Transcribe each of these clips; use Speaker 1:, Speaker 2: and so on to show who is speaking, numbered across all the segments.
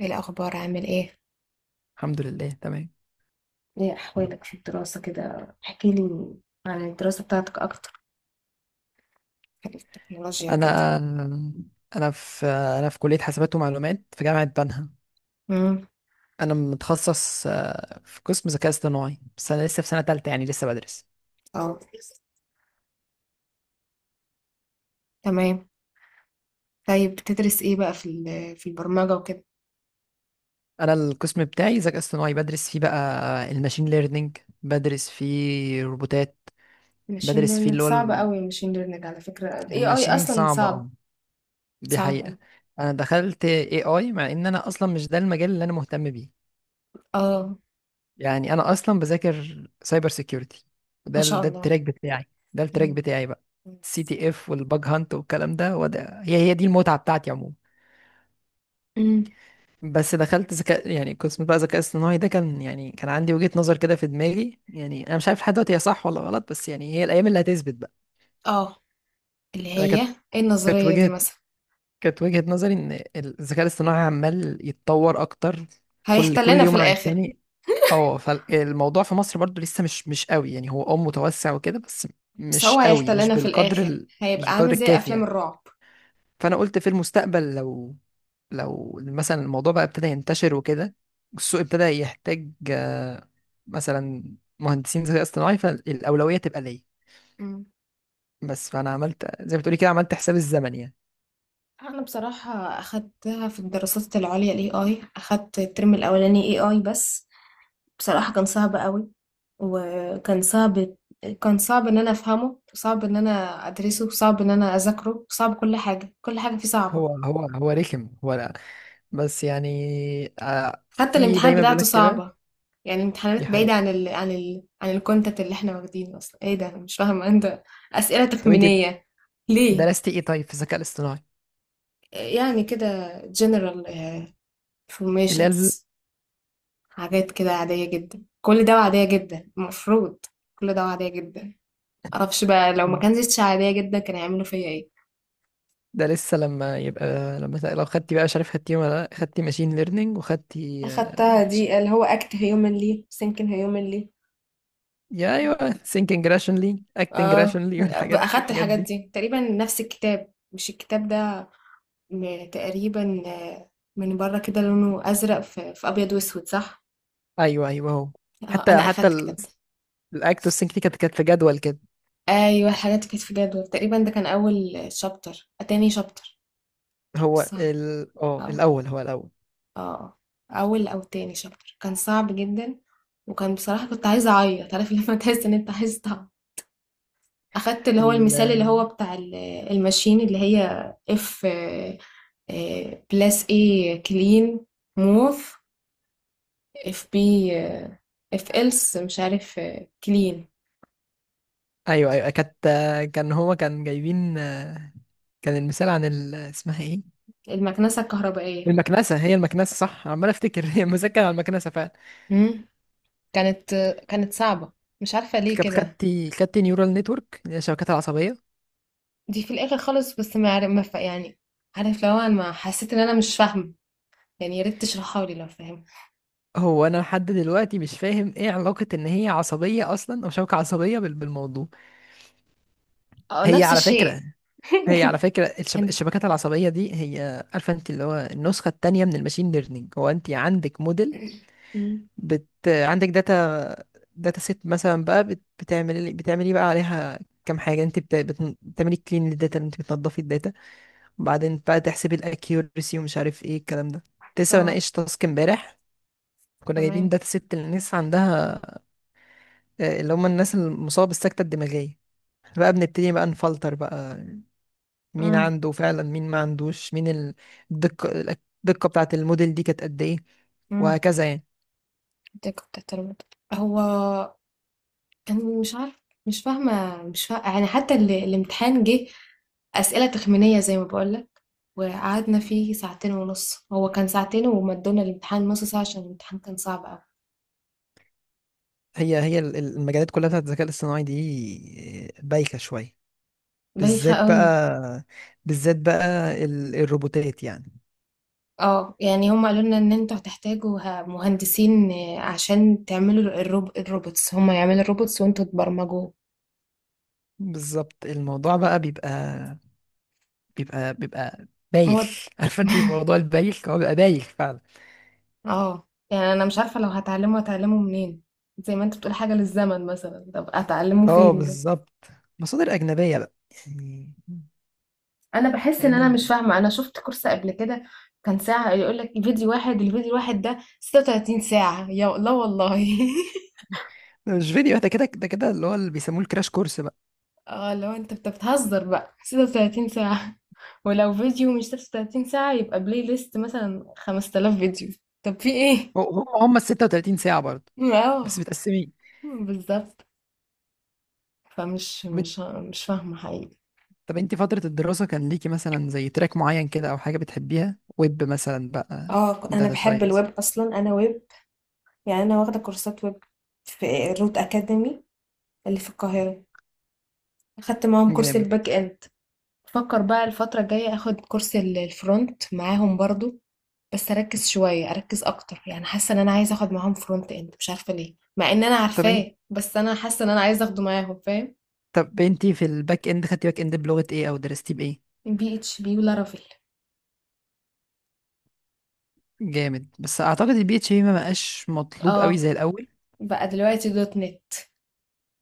Speaker 1: ايه الاخبار، عامل ايه؟
Speaker 2: الحمد لله تمام.
Speaker 1: ايه احوالك في الدراسة كده؟ احكي لي عن الدراسة بتاعتك اكتر، حاجة في التكنولوجيا وكده.
Speaker 2: انا انا في كليه حاسبات ومعلومات في جامعه بنها.
Speaker 1: امم.
Speaker 2: انا متخصص في قسم ذكاء اصطناعي، بس انا لسه في سنه تالتة، يعني لسه بدرس.
Speaker 1: اه، تمام. طيب بتدرس ايه بقى في البرمجة وكده؟
Speaker 2: انا القسم بتاعي ذكاء اصطناعي بدرس فيه بقى. الماشين ليرنينج، بدرس فيه روبوتات،
Speaker 1: ماشين
Speaker 2: بدرس فيه
Speaker 1: ليرنينج
Speaker 2: اللي هو
Speaker 1: صعب قوي، الماشين ليرنينج على فكرة، الاي اي
Speaker 2: الماشين
Speaker 1: اصلا
Speaker 2: صعبه
Speaker 1: صعب.
Speaker 2: دي
Speaker 1: صعب
Speaker 2: حقيقه.
Speaker 1: أوي.
Speaker 2: انا دخلت اي اي مع ان انا اصلا مش ده المجال اللي انا مهتم بيه.
Speaker 1: اه.
Speaker 2: يعني انا اصلا بذاكر سايبر سيكيورتي،
Speaker 1: ما شاء
Speaker 2: ده
Speaker 1: الله.
Speaker 2: التراك بتاعي. ده التراك
Speaker 1: امم
Speaker 2: بتاعي بقى. سي تي اف والباج هانت والكلام ده، وده هي دي المتعه بتاعتي عموما.
Speaker 1: امم.
Speaker 2: بس دخلت ذكاء، يعني قسم بقى ذكاء اصطناعي، ده كان يعني كان عندي وجهه نظر كده في دماغي. يعني انا مش عارف لحد دلوقتي هي صح ولا غلط، بس يعني هي الايام اللي هتثبت بقى.
Speaker 1: اه، اللي
Speaker 2: انا
Speaker 1: هي
Speaker 2: كانت
Speaker 1: ايه
Speaker 2: كانت
Speaker 1: النظرية دي
Speaker 2: وجهه
Speaker 1: مثلا؟
Speaker 2: كانت وجهه نظري ان الذكاء الاصطناعي عمال يتطور اكتر كل
Speaker 1: هيحتلنا في
Speaker 2: يوم عن
Speaker 1: الاخر.
Speaker 2: التاني. اه، فالموضوع في مصر برضو لسه مش قوي. يعني هو اه متوسع وكده، بس
Speaker 1: بس هو
Speaker 2: مش قوي،
Speaker 1: هيحتلنا في الاخر،
Speaker 2: مش
Speaker 1: هيبقى
Speaker 2: بالقدر
Speaker 1: عامل زي
Speaker 2: الكافي
Speaker 1: افلام
Speaker 2: يعني.
Speaker 1: الرعب.
Speaker 2: فانا قلت في المستقبل لو، لو مثلا الموضوع بقى ابتدى ينتشر وكده، والسوق ابتدى يحتاج، مثلا، مهندسين ذكاء اصطناعي، فالاولويه تبقى ليا. بس فانا عملت زي ما بتقولي كده، عملت حساب الزمن يعني.
Speaker 1: أنا بصراحة أخدتها في الدراسات العليا، AI، أخدت الترم الأولاني AI بس. بصراحة كان صعب قوي، وكان صعب كان صعب إن أنا أفهمه، وصعب إن أنا أدرسه، وصعب إن أنا أذاكره، وصعب كل حاجة، كل حاجة فيه صعبة.
Speaker 2: هو رخم، هو لا، بس يعني
Speaker 1: حتى
Speaker 2: في
Speaker 1: الامتحان
Speaker 2: دايما
Speaker 1: بتاعته
Speaker 2: بيقولك كده.
Speaker 1: صعبة، يعني
Speaker 2: دي
Speaker 1: الامتحانات بعيدة
Speaker 2: حقيقة.
Speaker 1: عن ال عن ال عن الكونتنت اللي احنا واخدينه أصلا، إيه ده؟ أنا مش فاهمة أنت. أسئلة
Speaker 2: طب انت
Speaker 1: تخمينية. ليه؟
Speaker 2: درستي ايه طيب في الذكاء الاصطناعي؟
Speaker 1: يعني كده general،
Speaker 2: اللي هي
Speaker 1: informations، حاجات كده عادية جدا، كل ده عادية جدا المفروض، كل ده عادية جدا. معرفش بقى لو ما
Speaker 2: مم.
Speaker 1: كانتش عادية جدا كان هيعملوا فيا ايه.
Speaker 2: ده لسه لما يبقى، لو خدتي بقى، مش عارف خدتي ولا لا، خدتي ماشين ليرنينج وخدتي
Speaker 1: اخدتها، دي اللي هو اكت هيومنلي سينكن هيومنلي.
Speaker 2: يا ايوه، ثينكينج راشونلي، اكتنج
Speaker 1: اه،
Speaker 2: راشونلي، والحاجات
Speaker 1: اخدت
Speaker 2: الحاجات
Speaker 1: الحاجات
Speaker 2: دي.
Speaker 1: دي تقريبا نفس الكتاب، مش الكتاب ده، تقريبا، من بره كده لونه ازرق، في ابيض واسود، صح؟
Speaker 2: ايوه ايوه، هو.
Speaker 1: اه، انا
Speaker 2: حتى حتى
Speaker 1: اخدت الكتاب ده.
Speaker 2: الاكت والسينك دي كانت في جدول كده.
Speaker 1: ايوه الحاجات كانت في جدول تقريبا، ده كان اول شابتر، تاني شابتر،
Speaker 2: هو
Speaker 1: صح.
Speaker 2: ال اه
Speaker 1: آه.
Speaker 2: الاول هو الاول.
Speaker 1: آه، أول أو تاني شابتر كان صعب جدًا، وكان بصراحة كنت عايزة أعيّط، عارف لمّا تحس إن أنت عايز تعيّط، أخدت اللي هو
Speaker 2: ال...
Speaker 1: المثال اللي هو
Speaker 2: آه،
Speaker 1: بتاع الماشين، اللي هي F plus A clean move FB FLs مش عارف، clean،
Speaker 2: ايوه ايوه، كانت كان هو كان جايبين كان المثال عن اسمها ايه،
Speaker 1: المكنسة الكهربائية.
Speaker 2: المكنسه، هي المكنسه صح، عمال افتكر هي المثال كان على المكنسه فعلا.
Speaker 1: إمم. كانت كانت صعبة، مش عارفة ليه
Speaker 2: كانت
Speaker 1: كده.
Speaker 2: خدتي نيورال نتورك، اللي هي الشبكات العصبيه.
Speaker 1: دي في الآخر خالص، بس ما عر ما ف يعني عارف اللي هو أنا ما حسيت إن أنا مش فاهمة، يعني يا ريت تشرحها لي لو فاهم.
Speaker 2: هو انا لحد دلوقتي مش فاهم ايه علاقة ان هي عصبية اصلا، او شبكة عصبية بالموضوع.
Speaker 1: اه،
Speaker 2: هي
Speaker 1: نفس
Speaker 2: على فكرة،
Speaker 1: الشيء.
Speaker 2: هي على فكرة
Speaker 1: هن-
Speaker 2: الشبكات العصبية دي، هي عارفة انت، اللي هو النسخة التانية من الماشين ليرنينج. هو انت عندك موديل،
Speaker 1: مم.
Speaker 2: عندك داتا، داتا سيت مثلا بقى، بت... بتعملي بتعملي بقى عليها كام حاجة. انت بتعملي كلين للداتا، انت بتنضفي الداتا، وبعدين بقى تحسبي الاكيورسي ومش عارف ايه الكلام ده. كنت لسه
Speaker 1: اه،
Speaker 2: بناقش تاسك امبارح، كنا جايبين
Speaker 1: تمام.
Speaker 2: داتا سيت للناس عندها، اللي هم الناس المصابة بالسكتة الدماغية. إحنا بقى بنبتدي بقى نفلتر بقى، مين
Speaker 1: امم
Speaker 2: عنده فعلا، مين ما عندوش، مين الدقة، الدقة بتاعة الموديل دي كانت قد إيه،
Speaker 1: امم.
Speaker 2: وهكذا يعني.
Speaker 1: كنت بتربط، هو انا مش عارف، مش فاهمه، يعني حتى الامتحان جه اسئله تخمينيه زي ما بقولك، وقعدنا فيه ساعتين ونص، هو كان ساعتين ومدونا الامتحان نص ساعه عشان الامتحان كان صعب قوي.
Speaker 2: المجالات كلها بتاعت الذكاء الاصطناعي دي بايخة شوية.
Speaker 1: بايخه
Speaker 2: بالذات
Speaker 1: قوي.
Speaker 2: بقى، بالذات بقى الروبوتات يعني.
Speaker 1: اه، يعني هم قالوا لنا ان انتوا هتحتاجوا مهندسين، عشان تعملوا الروبوتس، هم يعملوا الروبوتس وانتوا تبرمجوه.
Speaker 2: بالظبط، الموضوع بقى بيبقى
Speaker 1: موت.
Speaker 2: بايخ عارفة انت موضوع البايخ، هو بيبقى بايخ فعلا.
Speaker 1: اه، يعني انا مش عارفه لو هتعلمه منين؟ زي ما انت بتقول حاجه للزمن مثلا، طب اتعلمه
Speaker 2: اه
Speaker 1: فين؟
Speaker 2: بالظبط. مصادر أجنبية بقى يعني.
Speaker 1: انا بحس ان
Speaker 2: لان
Speaker 1: انا
Speaker 2: الم...
Speaker 1: مش فاهمه، انا شفت كورس قبل كده كان ساعه يقول لك فيديو واحد، الفيديو الواحد ده 36 ساعه، يا لا والله.
Speaker 2: ده مش فيديو، ده كده، ده كده اللي هو اللي بيسموه الكراش كورس بقى.
Speaker 1: اه، لو انت بتهزر بقى، 36 ساعه؟ ولو فيديو مش 36 ساعه، يبقى بلاي ليست مثلا 5,000 فيديو. طب في ايه؟
Speaker 2: هو- هم هم ال 36 ساعه برضه، بس
Speaker 1: اه،
Speaker 2: متقسمين.
Speaker 1: بالظبط. فمش
Speaker 2: بت...
Speaker 1: مش مش فاهمه حقيقي.
Speaker 2: طب انت فتره الدراسه كان ليكي مثلا زي تراك معين كده، او حاجه بتحبيها، ويب مثلا بقى،
Speaker 1: اه، انا
Speaker 2: داتا
Speaker 1: بحب الويب
Speaker 2: ساينس؟
Speaker 1: اصلا، انا ويب يعني، انا واخده كورسات ويب في روت اكاديمي اللي في القاهره، اخدت معاهم كورس
Speaker 2: جامد.
Speaker 1: الباك اند. بفكر بقى الفتره الجايه اخد كورس الفرونت معاهم برضو، بس اركز شويه، اركز اكتر، يعني حاسه ان انا عايزه اخد معاهم فرونت اند، مش عارفه ليه مع ان انا
Speaker 2: طب انت
Speaker 1: عارفاه، بس انا حاسه ان انا عايزه اخده معاهم، فاهم؟
Speaker 2: طب انت في الباك اند، خدتي باك اند بلغه ايه، او درستي بايه؟
Speaker 1: بي اتش بي ولارافيل.
Speaker 2: جامد. بس اعتقد البي اتش بي ما بقاش مطلوب قوي
Speaker 1: اه،
Speaker 2: زي الاول.
Speaker 1: بقى دلوقتي دوت نت.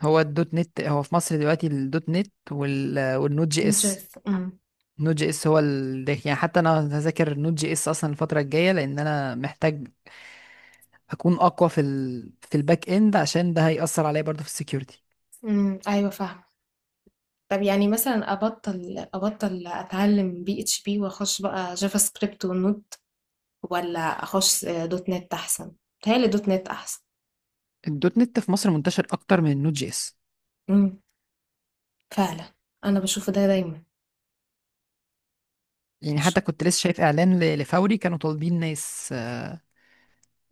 Speaker 2: هو الدوت نت، هو في مصر دلوقتي الدوت نت والنوت جي
Speaker 1: نوت
Speaker 2: اس.
Speaker 1: جيس. امم.
Speaker 2: نود جي اس هو ده. يعني حتى انا هذاكر نود جي اس اصلا الفتره الجايه، لان انا محتاج اكون اقوى في في الباك اند، عشان ده هيأثر عليا برضه في السكيورتي.
Speaker 1: أمم، ايوه فاهمه. طب يعني مثلا ابطل اتعلم بي اتش بي واخش بقى جافا سكريبت ونود؟ ولا اخش دوت نت احسن؟ بتهيألي دوت نت احسن.
Speaker 2: الدوت نت في مصر منتشر اكتر من النود جي اس.
Speaker 1: امم. فعلا. انا بشوف ده دايما.
Speaker 2: يعني
Speaker 1: بشوف.
Speaker 2: حتى كنت لسه شايف اعلان لفوري، كانوا طالبين ناس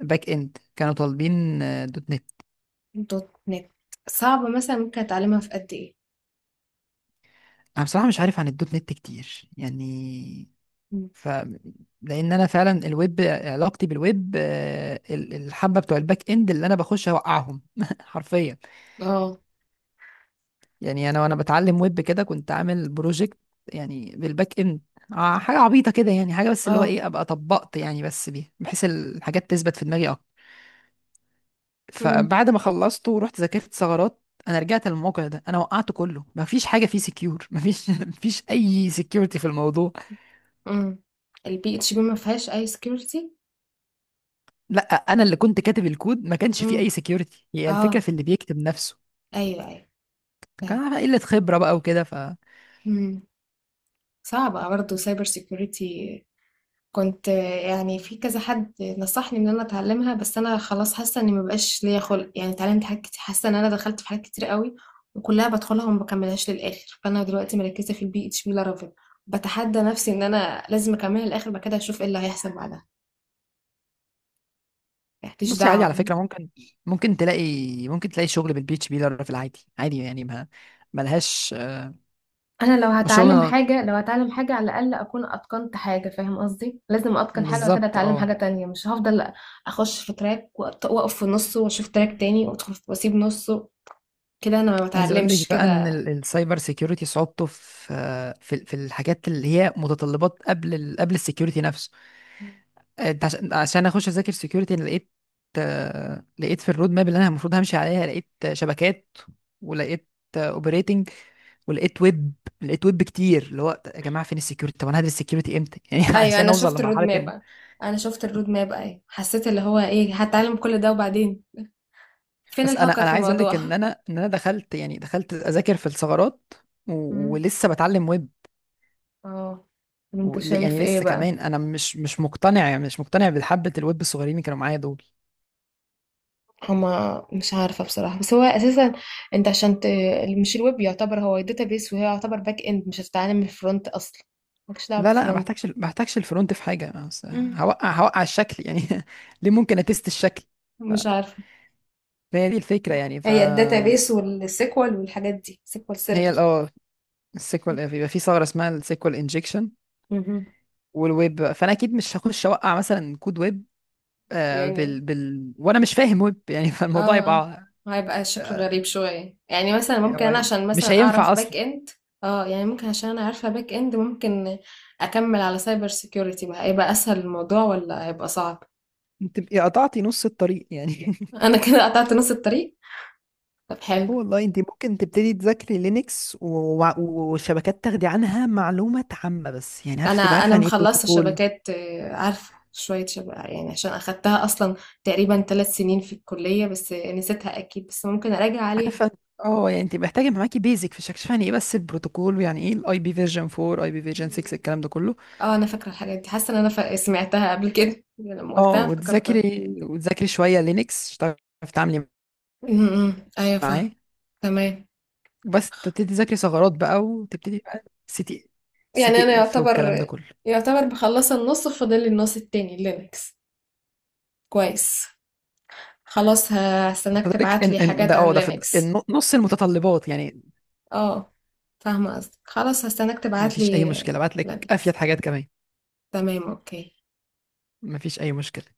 Speaker 2: باك اند، كانوا طالبين دوت نت.
Speaker 1: دوت نت. صعبة مثلا ممكن اتعلمها في قد ايه؟
Speaker 2: انا بصراحه مش عارف عن الدوت نت كتير يعني.
Speaker 1: مم.
Speaker 2: ف، لان انا فعلا الويب، علاقتي بالويب الحبه بتوع الباك اند اللي انا بخش اوقعهم حرفيا.
Speaker 1: اه.
Speaker 2: يعني انا وانا بتعلم ويب كده كنت عامل بروجكت، يعني بالباك اند، حاجه عبيطه كده يعني، حاجه بس اللي هو
Speaker 1: اه.
Speaker 2: ايه، ابقى طبقت يعني بس بيها، بحيث الحاجات تثبت في دماغي اكتر.
Speaker 1: امم.
Speaker 2: فبعد ما خلصته ورحت ذاكرت ثغرات، انا رجعت للموقع ده، انا وقعته كله. ما فيش حاجه فيه سكيور، ما فيش ما فيش اي سكيورتي في الموضوع.
Speaker 1: امم. البي اتش بي ما فيهاش اي سكيورتي.
Speaker 2: لا، انا اللي كنت كاتب الكود ما كانش
Speaker 1: امم.
Speaker 2: فيه اي سكيورتي، هي الفكره
Speaker 1: اه،
Speaker 2: في اللي بيكتب نفسه.
Speaker 1: ايوه ايوه
Speaker 2: كان
Speaker 1: فاهم.
Speaker 2: على قله خبره بقى وكده.
Speaker 1: امم. صعبة برضه سايبر سيكيورتي، كنت يعني في كذا حد نصحني ان انا اتعلمها، بس انا خلاص حاسه اني مبقاش ليا خلق، يعني اتعلمت حاجات كتير، حاسه ان انا دخلت في حاجات كتير قوي، وكلها بدخلها وما بكملهاش للاخر، فانا دلوقتي مركزه في البي اتش بي لارافيل، بتحدى نفسي ان انا لازم اكملها للاخر، بعد كده اشوف ايه اللي هيحصل بعدها، مالكيش
Speaker 2: بصي، عادي على
Speaker 1: دعوه.
Speaker 2: فكرة. ممكن تلاقي ممكن تلاقي شغل بالبي اتش بي في العادي، عادي يعني. ما ملهاش
Speaker 1: انا لو هتعلم
Speaker 2: الشغل،
Speaker 1: حاجه، على الاقل اكون اتقنت حاجه، فاهم قصدي؟ لازم اتقن حاجه وكده
Speaker 2: بالظبط
Speaker 1: اتعلم حاجه
Speaker 2: اه.
Speaker 1: تانية، مش هفضل اخش في تراك واقف في نصه واشوف تراك تاني وادخل واسيب نصه، كده انا ما
Speaker 2: عايز اقول
Speaker 1: بتعلمش
Speaker 2: لك بقى ان
Speaker 1: كده.
Speaker 2: السايبر سيكيورتي صعوبته في في الحاجات اللي هي متطلبات قبل قبل السيكيورتي نفسه. انت عشان اخش اذاكر سكيورتي، انا لقيت لقيت في الرود ماب اللي انا المفروض همشي عليها، لقيت شبكات، ولقيت اوبريتنج، ولقيت ويب، لقيت ويب كتير. اللي هو يا جماعه فين السكيورتي؟ طب انا هدرس السكيورتي امتى؟ يعني
Speaker 1: ايوه
Speaker 2: عشان
Speaker 1: انا
Speaker 2: اوصل
Speaker 1: شفت الرود
Speaker 2: لمرحله ان،
Speaker 1: ماب، ايوه حسيت اللي هو ايه، هتعلم كل ده وبعدين فين
Speaker 2: بس انا،
Speaker 1: الهاكر
Speaker 2: انا
Speaker 1: في
Speaker 2: عايز اقول
Speaker 1: الموضوع؟
Speaker 2: لك ان انا ان انا دخلت يعني دخلت اذاكر في الثغرات،
Speaker 1: مم.
Speaker 2: ولسه بتعلم ويب.
Speaker 1: اه. طب انت شايف
Speaker 2: يعني
Speaker 1: ايه
Speaker 2: لسه
Speaker 1: بقى؟
Speaker 2: كمان انا مش مقتنع، يعني مش مقتنع بحبه الويب الصغيرين اللي كانوا معايا دول.
Speaker 1: هما مش عارفة بصراحة، بس هو أساسا أنت عشان مش الويب يعتبر هو بيس وهي يعتبر باك إند، مش هتتعلم من الفرونت أصلا، مالكش دعوة
Speaker 2: لا لا، ما
Speaker 1: بالفرونت.
Speaker 2: بحتاجش ما بحتاجش الفرونت، في حاجه بس.
Speaker 1: مم.
Speaker 2: هوقع الشكل يعني، ليه ممكن اتست الشكل.
Speaker 1: مش عارفة.
Speaker 2: فهي دي الفكره يعني. ف،
Speaker 1: هي بيس والسيكوال والحاجات دي، سيكوال
Speaker 2: هي
Speaker 1: سيرفر.
Speaker 2: السيكوال بيبقى في ثغره اسمها السيكوال انجكشن.
Speaker 1: مهم.
Speaker 2: والويب، فانا اكيد مش هخش اوقع مثلا كود ويب
Speaker 1: يعني
Speaker 2: بال وانا مش فاهم ويب يعني
Speaker 1: اه.
Speaker 2: فالموضوع
Speaker 1: آه.
Speaker 2: يبقى.
Speaker 1: هيبقى شكله غريب شوية، يعني مثلا ممكن انا
Speaker 2: هو
Speaker 1: عشان
Speaker 2: مش
Speaker 1: مثلا
Speaker 2: هينفع
Speaker 1: اعرف باك
Speaker 2: اصلا.
Speaker 1: اند، اه يعني ممكن عشان انا عارفة باك اند، ممكن اكمل على سايبر سيكيورتي بقى، هيبقى اسهل الموضوع ولا هيبقى صعب؟
Speaker 2: تبقي قطعتي نص الطريق يعني
Speaker 1: انا كده قطعت نص الطريق. طب حلو.
Speaker 2: آه والله. انت ممكن تبتدي تذاكري لينكس وشبكات، تاخدي عنها معلومات عامة بس يعني، عارفة تبقى عارفة
Speaker 1: انا
Speaker 2: عن ايه
Speaker 1: مخلصة
Speaker 2: بروتوكول.
Speaker 1: شبكات، عارفة شوية شبكة يعني، عشان اخدتها اصلا تقريبا 3 سنين في الكلية، بس نسيتها اكيد، بس ممكن اراجع عليها.
Speaker 2: عارفه. اه، يعني انت محتاجه يبقى معاكي بيزك في شكشفة، يعني ايه بس البروتوكول، ويعني ايه الاي بي فيرجن 4، اي بي فيرجن 6، الكلام ده كله.
Speaker 1: اه انا فاكرة الحاجات دي، حاسة ان انا سمعتها قبل كده لما
Speaker 2: اه،
Speaker 1: قلتها افتكرتها.
Speaker 2: وتذاكري شويه لينكس، تعرفي تتعاملي
Speaker 1: م- م. ايوه فاهم.
Speaker 2: معاه.
Speaker 1: تمام.
Speaker 2: بس تبتدي تذاكري ثغرات بقى، وتبتدي بقى سي
Speaker 1: يعني انا
Speaker 2: تي اف والكلام ده
Speaker 1: يعتبر،
Speaker 2: كله.
Speaker 1: مخلصه النص، فاضل لي النص التاني، لينكس. كويس. خلاص هستناك
Speaker 2: فذلك
Speaker 1: تبعت
Speaker 2: ان
Speaker 1: لي
Speaker 2: ان
Speaker 1: حاجات
Speaker 2: ده اه
Speaker 1: عن
Speaker 2: ده في
Speaker 1: لينكس.
Speaker 2: نص المتطلبات يعني.
Speaker 1: اه فاهمه قصدك، خلاص هستناك
Speaker 2: ما
Speaker 1: تبعت
Speaker 2: فيش
Speaker 1: لي
Speaker 2: اي مشكله، بعت لك
Speaker 1: لينكس.
Speaker 2: افيد حاجات كمان،
Speaker 1: تمام اوكي.
Speaker 2: ما فيش اي مشكله.